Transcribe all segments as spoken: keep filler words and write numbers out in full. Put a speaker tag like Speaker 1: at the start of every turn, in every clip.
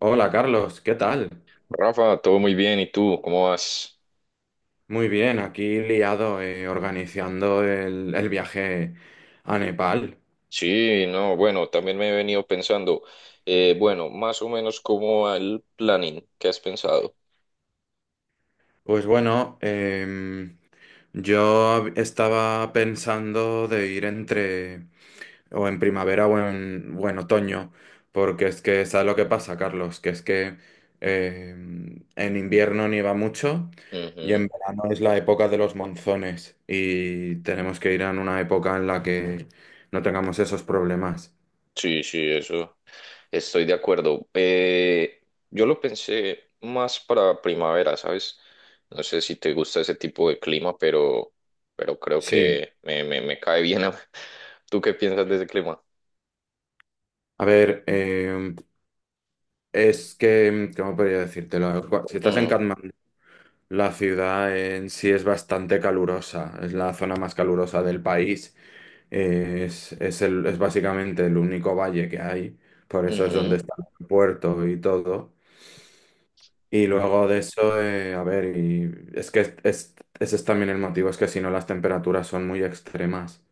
Speaker 1: Hola Carlos, ¿qué tal?
Speaker 2: Rafa, todo muy bien. ¿Y tú? ¿Cómo vas?
Speaker 1: Muy bien, aquí liado eh, organizando el, el viaje a Nepal.
Speaker 2: Sí, no, bueno, también me he venido pensando, eh, bueno, más o menos cómo va el planning que has pensado.
Speaker 1: Pues bueno, em, yo estaba pensando de ir entre o en primavera o en, o en otoño, porque es que, ¿sabes lo que pasa, Carlos? Que es que em, en invierno nieva mucho y en
Speaker 2: Ujú.
Speaker 1: verano es la época de los monzones y tenemos que ir en una época en la que no tengamos esos problemas.
Speaker 2: Sí, sí, eso. Estoy de acuerdo. Eh, yo lo pensé más para primavera, ¿sabes? No sé si te gusta ese tipo de clima, pero, pero creo
Speaker 1: Sí,
Speaker 2: que me, me, me cae bien. a- ¿Tú qué piensas de ese clima?
Speaker 1: a ver, eh, es que, ¿cómo podría decírtelo? Cu- Si estás en
Speaker 2: Mm,
Speaker 1: Katmandú, la ciudad en sí es bastante calurosa, es la zona más calurosa del país, eh, es, es, el- es básicamente el único valle que hay, por eso es donde
Speaker 2: ujú.
Speaker 1: está el puerto y todo. Y luego de eso, eh, a ver, y es que es- es- ese es también el motivo, es que si no las temperaturas son muy extremas.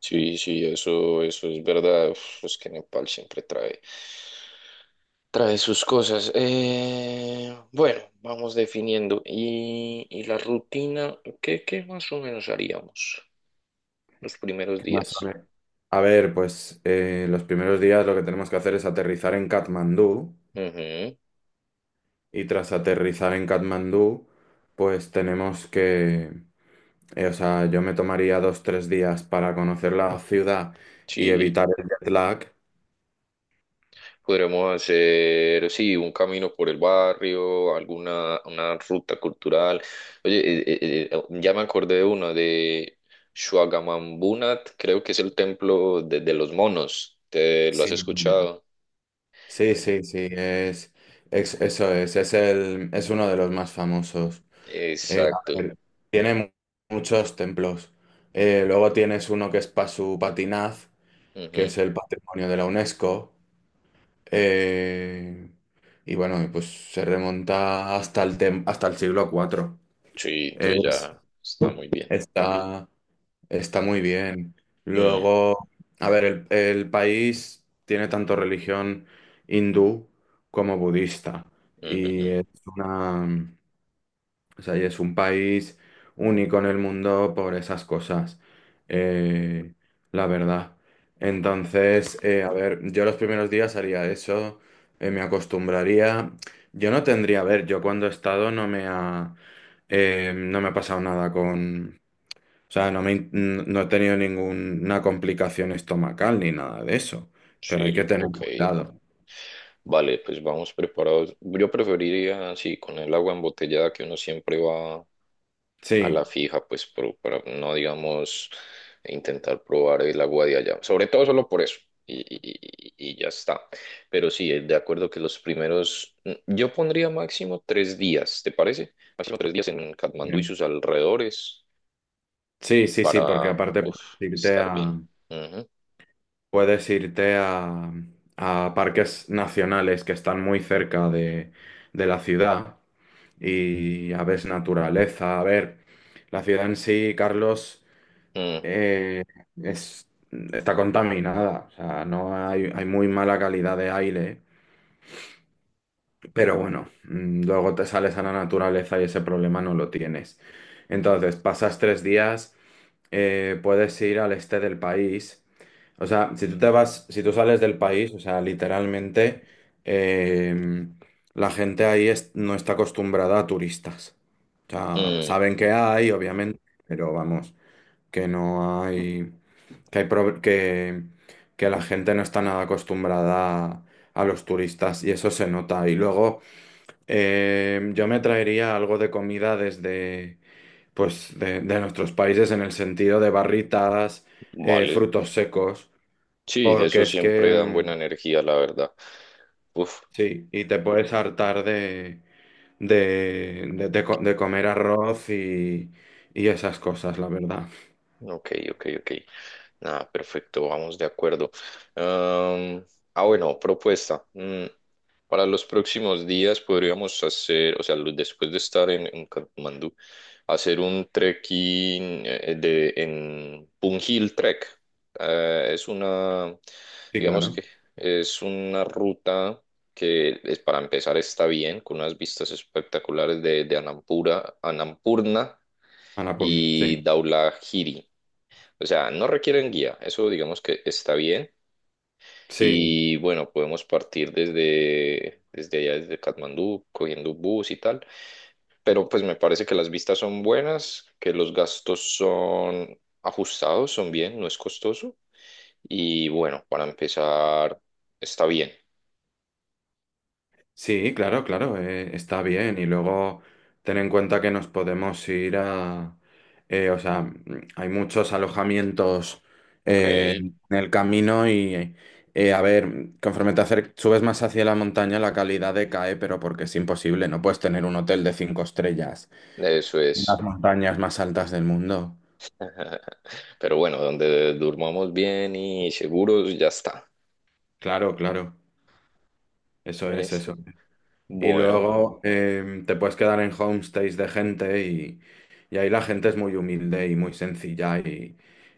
Speaker 2: Sí, sí, eso, eso es verdad. Uf, es que Nepal siempre trae. Trae sus cosas. Eh, bueno, vamos definiendo. Y, y la rutina, ¿qué, qué más o menos haríamos los primeros
Speaker 1: ¿Qué más? A
Speaker 2: días?
Speaker 1: ver, A ver, pues eh, los primeros días lo que tenemos que hacer es aterrizar en Katmandú.
Speaker 2: Ujú,
Speaker 1: Y tras aterrizar en Katmandú, pues tenemos que, eh, o sea, yo me tomaría dos, tres días para conocer la ciudad y
Speaker 2: sí,
Speaker 1: evitar el jet lag.
Speaker 2: podremos hacer, sí, un camino por el barrio, alguna una ruta cultural. Oye, eh, eh, eh, eh, oh, ya me acordé de uno, de Shuagamambunat, creo que es el templo de, de los monos. ¿Te lo has
Speaker 1: Sí, muy bien.
Speaker 2: escuchado?
Speaker 1: Sí, sí, sí, es, es- eso es, es el, es uno de los más famosos. Eh, a
Speaker 2: Exacto.
Speaker 1: ver, tiene mu- muchos templos. Eh, luego tienes uno que es Pasupatinaz, que
Speaker 2: Ujú.
Speaker 1: es el patrimonio de la UNESCO. Eh, y bueno, pues se remonta hasta el, tem- hasta el siglo cuatro.
Speaker 2: Sí, entonces
Speaker 1: Es-
Speaker 2: ya está muy bien.
Speaker 1: está, está muy bien.
Speaker 2: Mm,
Speaker 1: Luego, a ver, el, el país tiene tanto religión hindú como budista. Y
Speaker 2: ujujú.
Speaker 1: es una... O sea, y es un país único en el mundo por esas cosas, eh, la verdad. Entonces, eh, a ver, yo los primeros días haría eso, eh, me acostumbraría. Yo no tendría, a ver, yo cuando he estado no me ha, eh, no me ha pasado nada con, o sea, no me, in- n- no he tenido ninguna complicación estomacal ni nada de eso, pero hay
Speaker 2: Sí,
Speaker 1: que tener
Speaker 2: ok.
Speaker 1: cuidado.
Speaker 2: Vale, pues vamos preparados. Yo preferiría, sí, con el agua embotellada que uno siempre va a la
Speaker 1: Sí,
Speaker 2: fija, pues pro- para no, digamos, intentar probar el agua de allá. Sobre todo solo por eso. Y, y- y- y ya está. Pero sí, de acuerdo que los primeros, mm, yo pondría máximo tres días, ¿te parece? Máximo tres días en Katmandú y
Speaker 1: bien.
Speaker 2: sus alrededores
Speaker 1: Sí, sí, sí, porque
Speaker 2: para,
Speaker 1: aparte
Speaker 2: uf,
Speaker 1: puedes irte
Speaker 2: estar bien.
Speaker 1: a.
Speaker 2: Ujú.
Speaker 1: Puedes irte a, a parques nacionales que están muy cerca de, de la ciudad y a ver naturaleza. A ver, la ciudad en sí, Carlos,
Speaker 2: Ujú.
Speaker 1: eh, es, está contaminada. O sea, no hay, hay muy mala calidad de aire. Pero bueno, mm, luego te sales a la naturaleza y ese problema no lo tienes. Entonces, pasas tres días, eh, puedes ir al este del país. O sea, si tú te vas, si tú sales del país, o sea, literalmente eh, la gente ahí es- no está acostumbrada a turistas. O sea,
Speaker 2: Mm,
Speaker 1: saben que hay, obviamente, pero vamos, que no hay, que hay pro- que, que la gente no está nada acostumbrada a, a los turistas y eso se nota. Y luego eh, yo me traería algo de comida desde pues de, de nuestros países en el sentido de barritadas, eh,
Speaker 2: vale.
Speaker 1: frutos secos,
Speaker 2: Sí,
Speaker 1: porque
Speaker 2: eso
Speaker 1: es que
Speaker 2: siempre dan
Speaker 1: mm,
Speaker 2: buena energía, la verdad. Uf,
Speaker 1: sí, y te puedes hartar de, de, de- de co- de comer arroz y, y esas cosas, la verdad.
Speaker 2: ok, ok, ok. Ah, perfecto, vamos de acuerdo. Am, ah, bueno, propuesta. Mm, para los próximos días podríamos hacer, o sea, lo- después de estar en, en Katmandú, hacer un trekking eh, de, en Punjil Trek. Eh, es una,
Speaker 1: Sí,
Speaker 2: digamos
Speaker 1: claro,
Speaker 2: que es una ruta que es, para empezar está bien, con unas vistas espectaculares de, de Anampura, Annapurna
Speaker 1: a la pulga,
Speaker 2: y
Speaker 1: sí,
Speaker 2: Dhaulagiri. O sea, no requieren guía, eso digamos que está bien.
Speaker 1: sí.
Speaker 2: Y bueno, podemos partir desde, desde allá, desde Katmandú, cogiendo bus y tal. Pero pues me parece que las vistas son buenas, que los gastos son ajustados, son bien, no es costoso. Y bueno, para empezar, está bien.
Speaker 1: Sí, claro, claro, eh, está bien. Y luego ten en cuenta que nos podemos ir a... eh, o sea, mm, hay muchos alojamientos
Speaker 2: Ok,
Speaker 1: eh, en el camino y, eh, a ver, conforme te acer- subes más hacia la montaña, la calidad decae, pero porque es imposible, no puedes tener un hotel de cinco estrellas
Speaker 2: eso
Speaker 1: en las
Speaker 2: es.
Speaker 1: montañas más altas del mundo.
Speaker 2: Pero bueno, donde durmamos bien y seguros, ya está.
Speaker 1: Claro, claro, eso es
Speaker 2: Eso.
Speaker 1: eso. Y
Speaker 2: Bueno,
Speaker 1: luego em, te puedes quedar en homestays de gente y, y ahí la gente es muy humilde y muy sencilla y,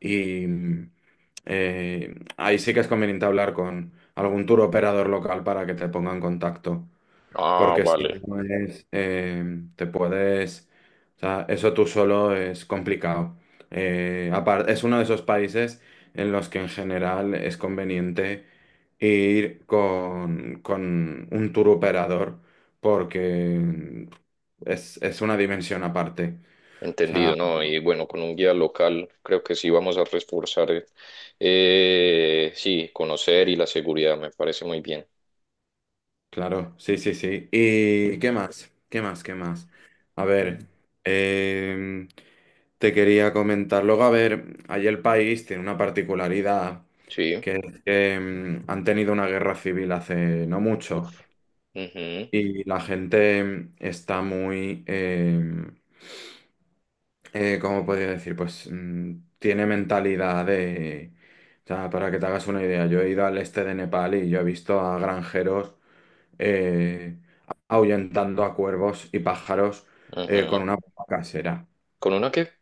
Speaker 1: y, mm, eh, ahí sí que es conveniente hablar con algún tour operador local para que te ponga en contacto.
Speaker 2: ah,
Speaker 1: Porque si
Speaker 2: vale.
Speaker 1: no es, eh, te puedes, o sea, eso tú solo es complicado. Eh, apar- es uno de esos países en los que en general es conveniente ir con, con un tour operador porque es, es una dimensión aparte. O sea,
Speaker 2: Entendido, ¿no? Y bueno, con un guía local creo que sí vamos a reforzar, eh, eh, sí, conocer y la seguridad, me parece muy bien.
Speaker 1: claro, sí, sí, sí. ¿Y qué más? ¿Qué más? ¿Qué más? A
Speaker 2: Mm.
Speaker 1: ver, em, te quería comentar. Luego, a ver, allí el país tiene una particularidad,
Speaker 2: Sí.
Speaker 1: que es que em, han tenido una guerra civil hace no mucho
Speaker 2: Uf. Ujú,
Speaker 1: y la gente em, está muy, em, eh, ¿cómo podría decir? Pues mm, tiene mentalidad de. O sea, para que te hagas una idea, yo he ido al este de Nepal y yo he visto a granjeros eh, ahuyentando a cuervos y pájaros eh, con
Speaker 2: ujú.
Speaker 1: una bomba casera.
Speaker 2: Con una que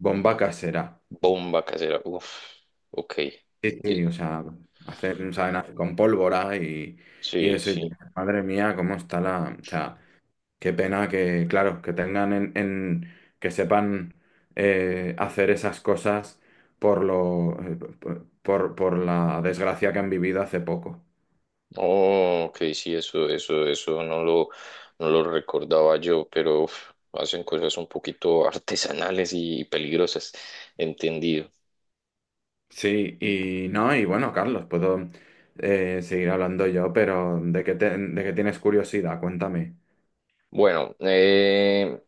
Speaker 1: Bomba casera.
Speaker 2: bomba casera. Uf, ok.
Speaker 1: Sí,
Speaker 2: Ye-
Speaker 1: sí, o sea, hacen, saben, hacer con pólvora y, y
Speaker 2: Sí,
Speaker 1: eso. Y
Speaker 2: sí.
Speaker 1: dices, madre mía, cómo está la. O sea, qué pena que, claro, que tengan en, en- que sepan eh, hacer esas cosas por lo, eh, por, por la desgracia que han vivido hace poco.
Speaker 2: Oh, ok, sí, eso, eso, eso no lo, no lo recordaba yo, pero uf, hacen cosas un poquito artesanales y peligrosas. Entendido.
Speaker 1: Sí, y no, y bueno, Carlos, puedo eh, seguir hablando yo, pero ¿de qué, te- de qué tienes curiosidad? Cuéntame.
Speaker 2: Bueno, eh,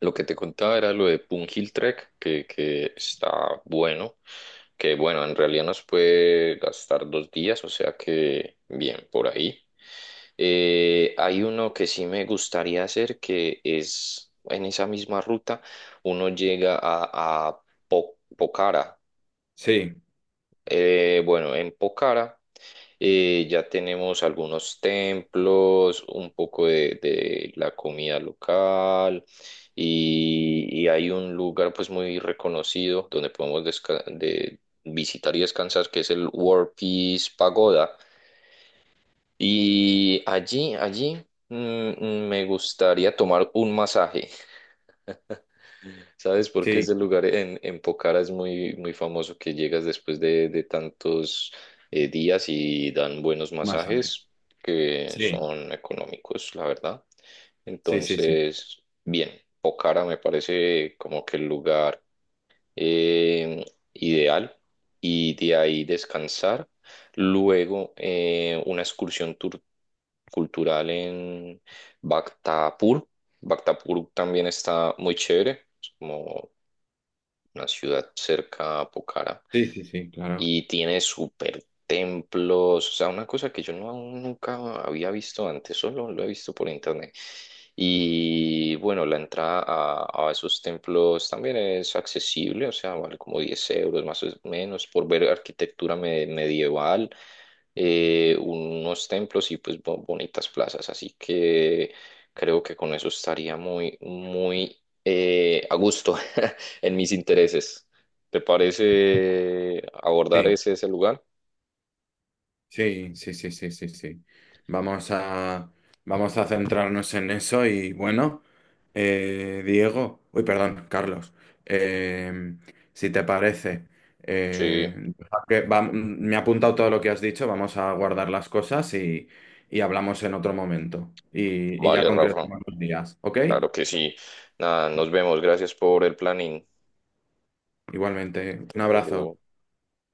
Speaker 2: lo que te contaba era lo de Pungil Trek, que, que está bueno, que bueno, en realidad nos puede gastar dos días, o sea que bien, por ahí. Eh, hay uno que sí me gustaría hacer, que es en esa misma ruta, uno llega a, a Po- Pokhara.
Speaker 1: Sí,
Speaker 2: Eh, bueno, en Pokhara. Eh, ya tenemos algunos templos, un poco de, de la comida local y, y hay un lugar pues muy reconocido donde podemos desca- de visitar y descansar que es el War Peace Pagoda. Y allí, allí mm, mm, me gustaría tomar un masaje. ¿Sabes por qué
Speaker 1: sí,
Speaker 2: ese lugar en, en Pokhara es muy, muy famoso que llegas después de, de tantos eh, días y dan buenos
Speaker 1: masaje.
Speaker 2: masajes que
Speaker 1: Sí,
Speaker 2: son económicos, la verdad?
Speaker 1: sí, sí, sí.
Speaker 2: Entonces, bien, Pokhara me parece como que el lugar eh, ideal y de ahí descansar. Luego, eh, una excursión tur- cultural en Bhaktapur. Bhaktapur también está muy chévere, es como una ciudad cerca a Pokhara,
Speaker 1: Sí, sí, sí, claro.
Speaker 2: y tiene super templos, o sea, una cosa que yo no, nunca había visto antes, solo lo he visto por internet. Y bueno, la entrada a, a esos templos también es accesible, o sea, vale como diez euros más o menos por ver arquitectura me- medieval, eh, unos templos y pues bo- bonitas plazas. Así que creo que con eso estaría muy, muy eh, a gusto en mis intereses. ¿Te parece abordar
Speaker 1: Sí.
Speaker 2: ese, ese lugar?
Speaker 1: Sí, sí, sí, sí, sí, sí. Vamos a, vamos a centrarnos en eso y bueno, eh, Diego, uy, perdón, Carlos, eh, si te parece,
Speaker 2: Sí,
Speaker 1: eh, deja que va- me he apuntado todo lo que has dicho, vamos a guardar las cosas y, y hablamos en otro momento y, y ya
Speaker 2: vale, Rafa.
Speaker 1: concretamos los días, ¿ok?
Speaker 2: Claro que sí. Nada, nos vemos. Gracias por el planning.
Speaker 1: Igualmente, un
Speaker 2: Hasta
Speaker 1: abrazo.
Speaker 2: luego.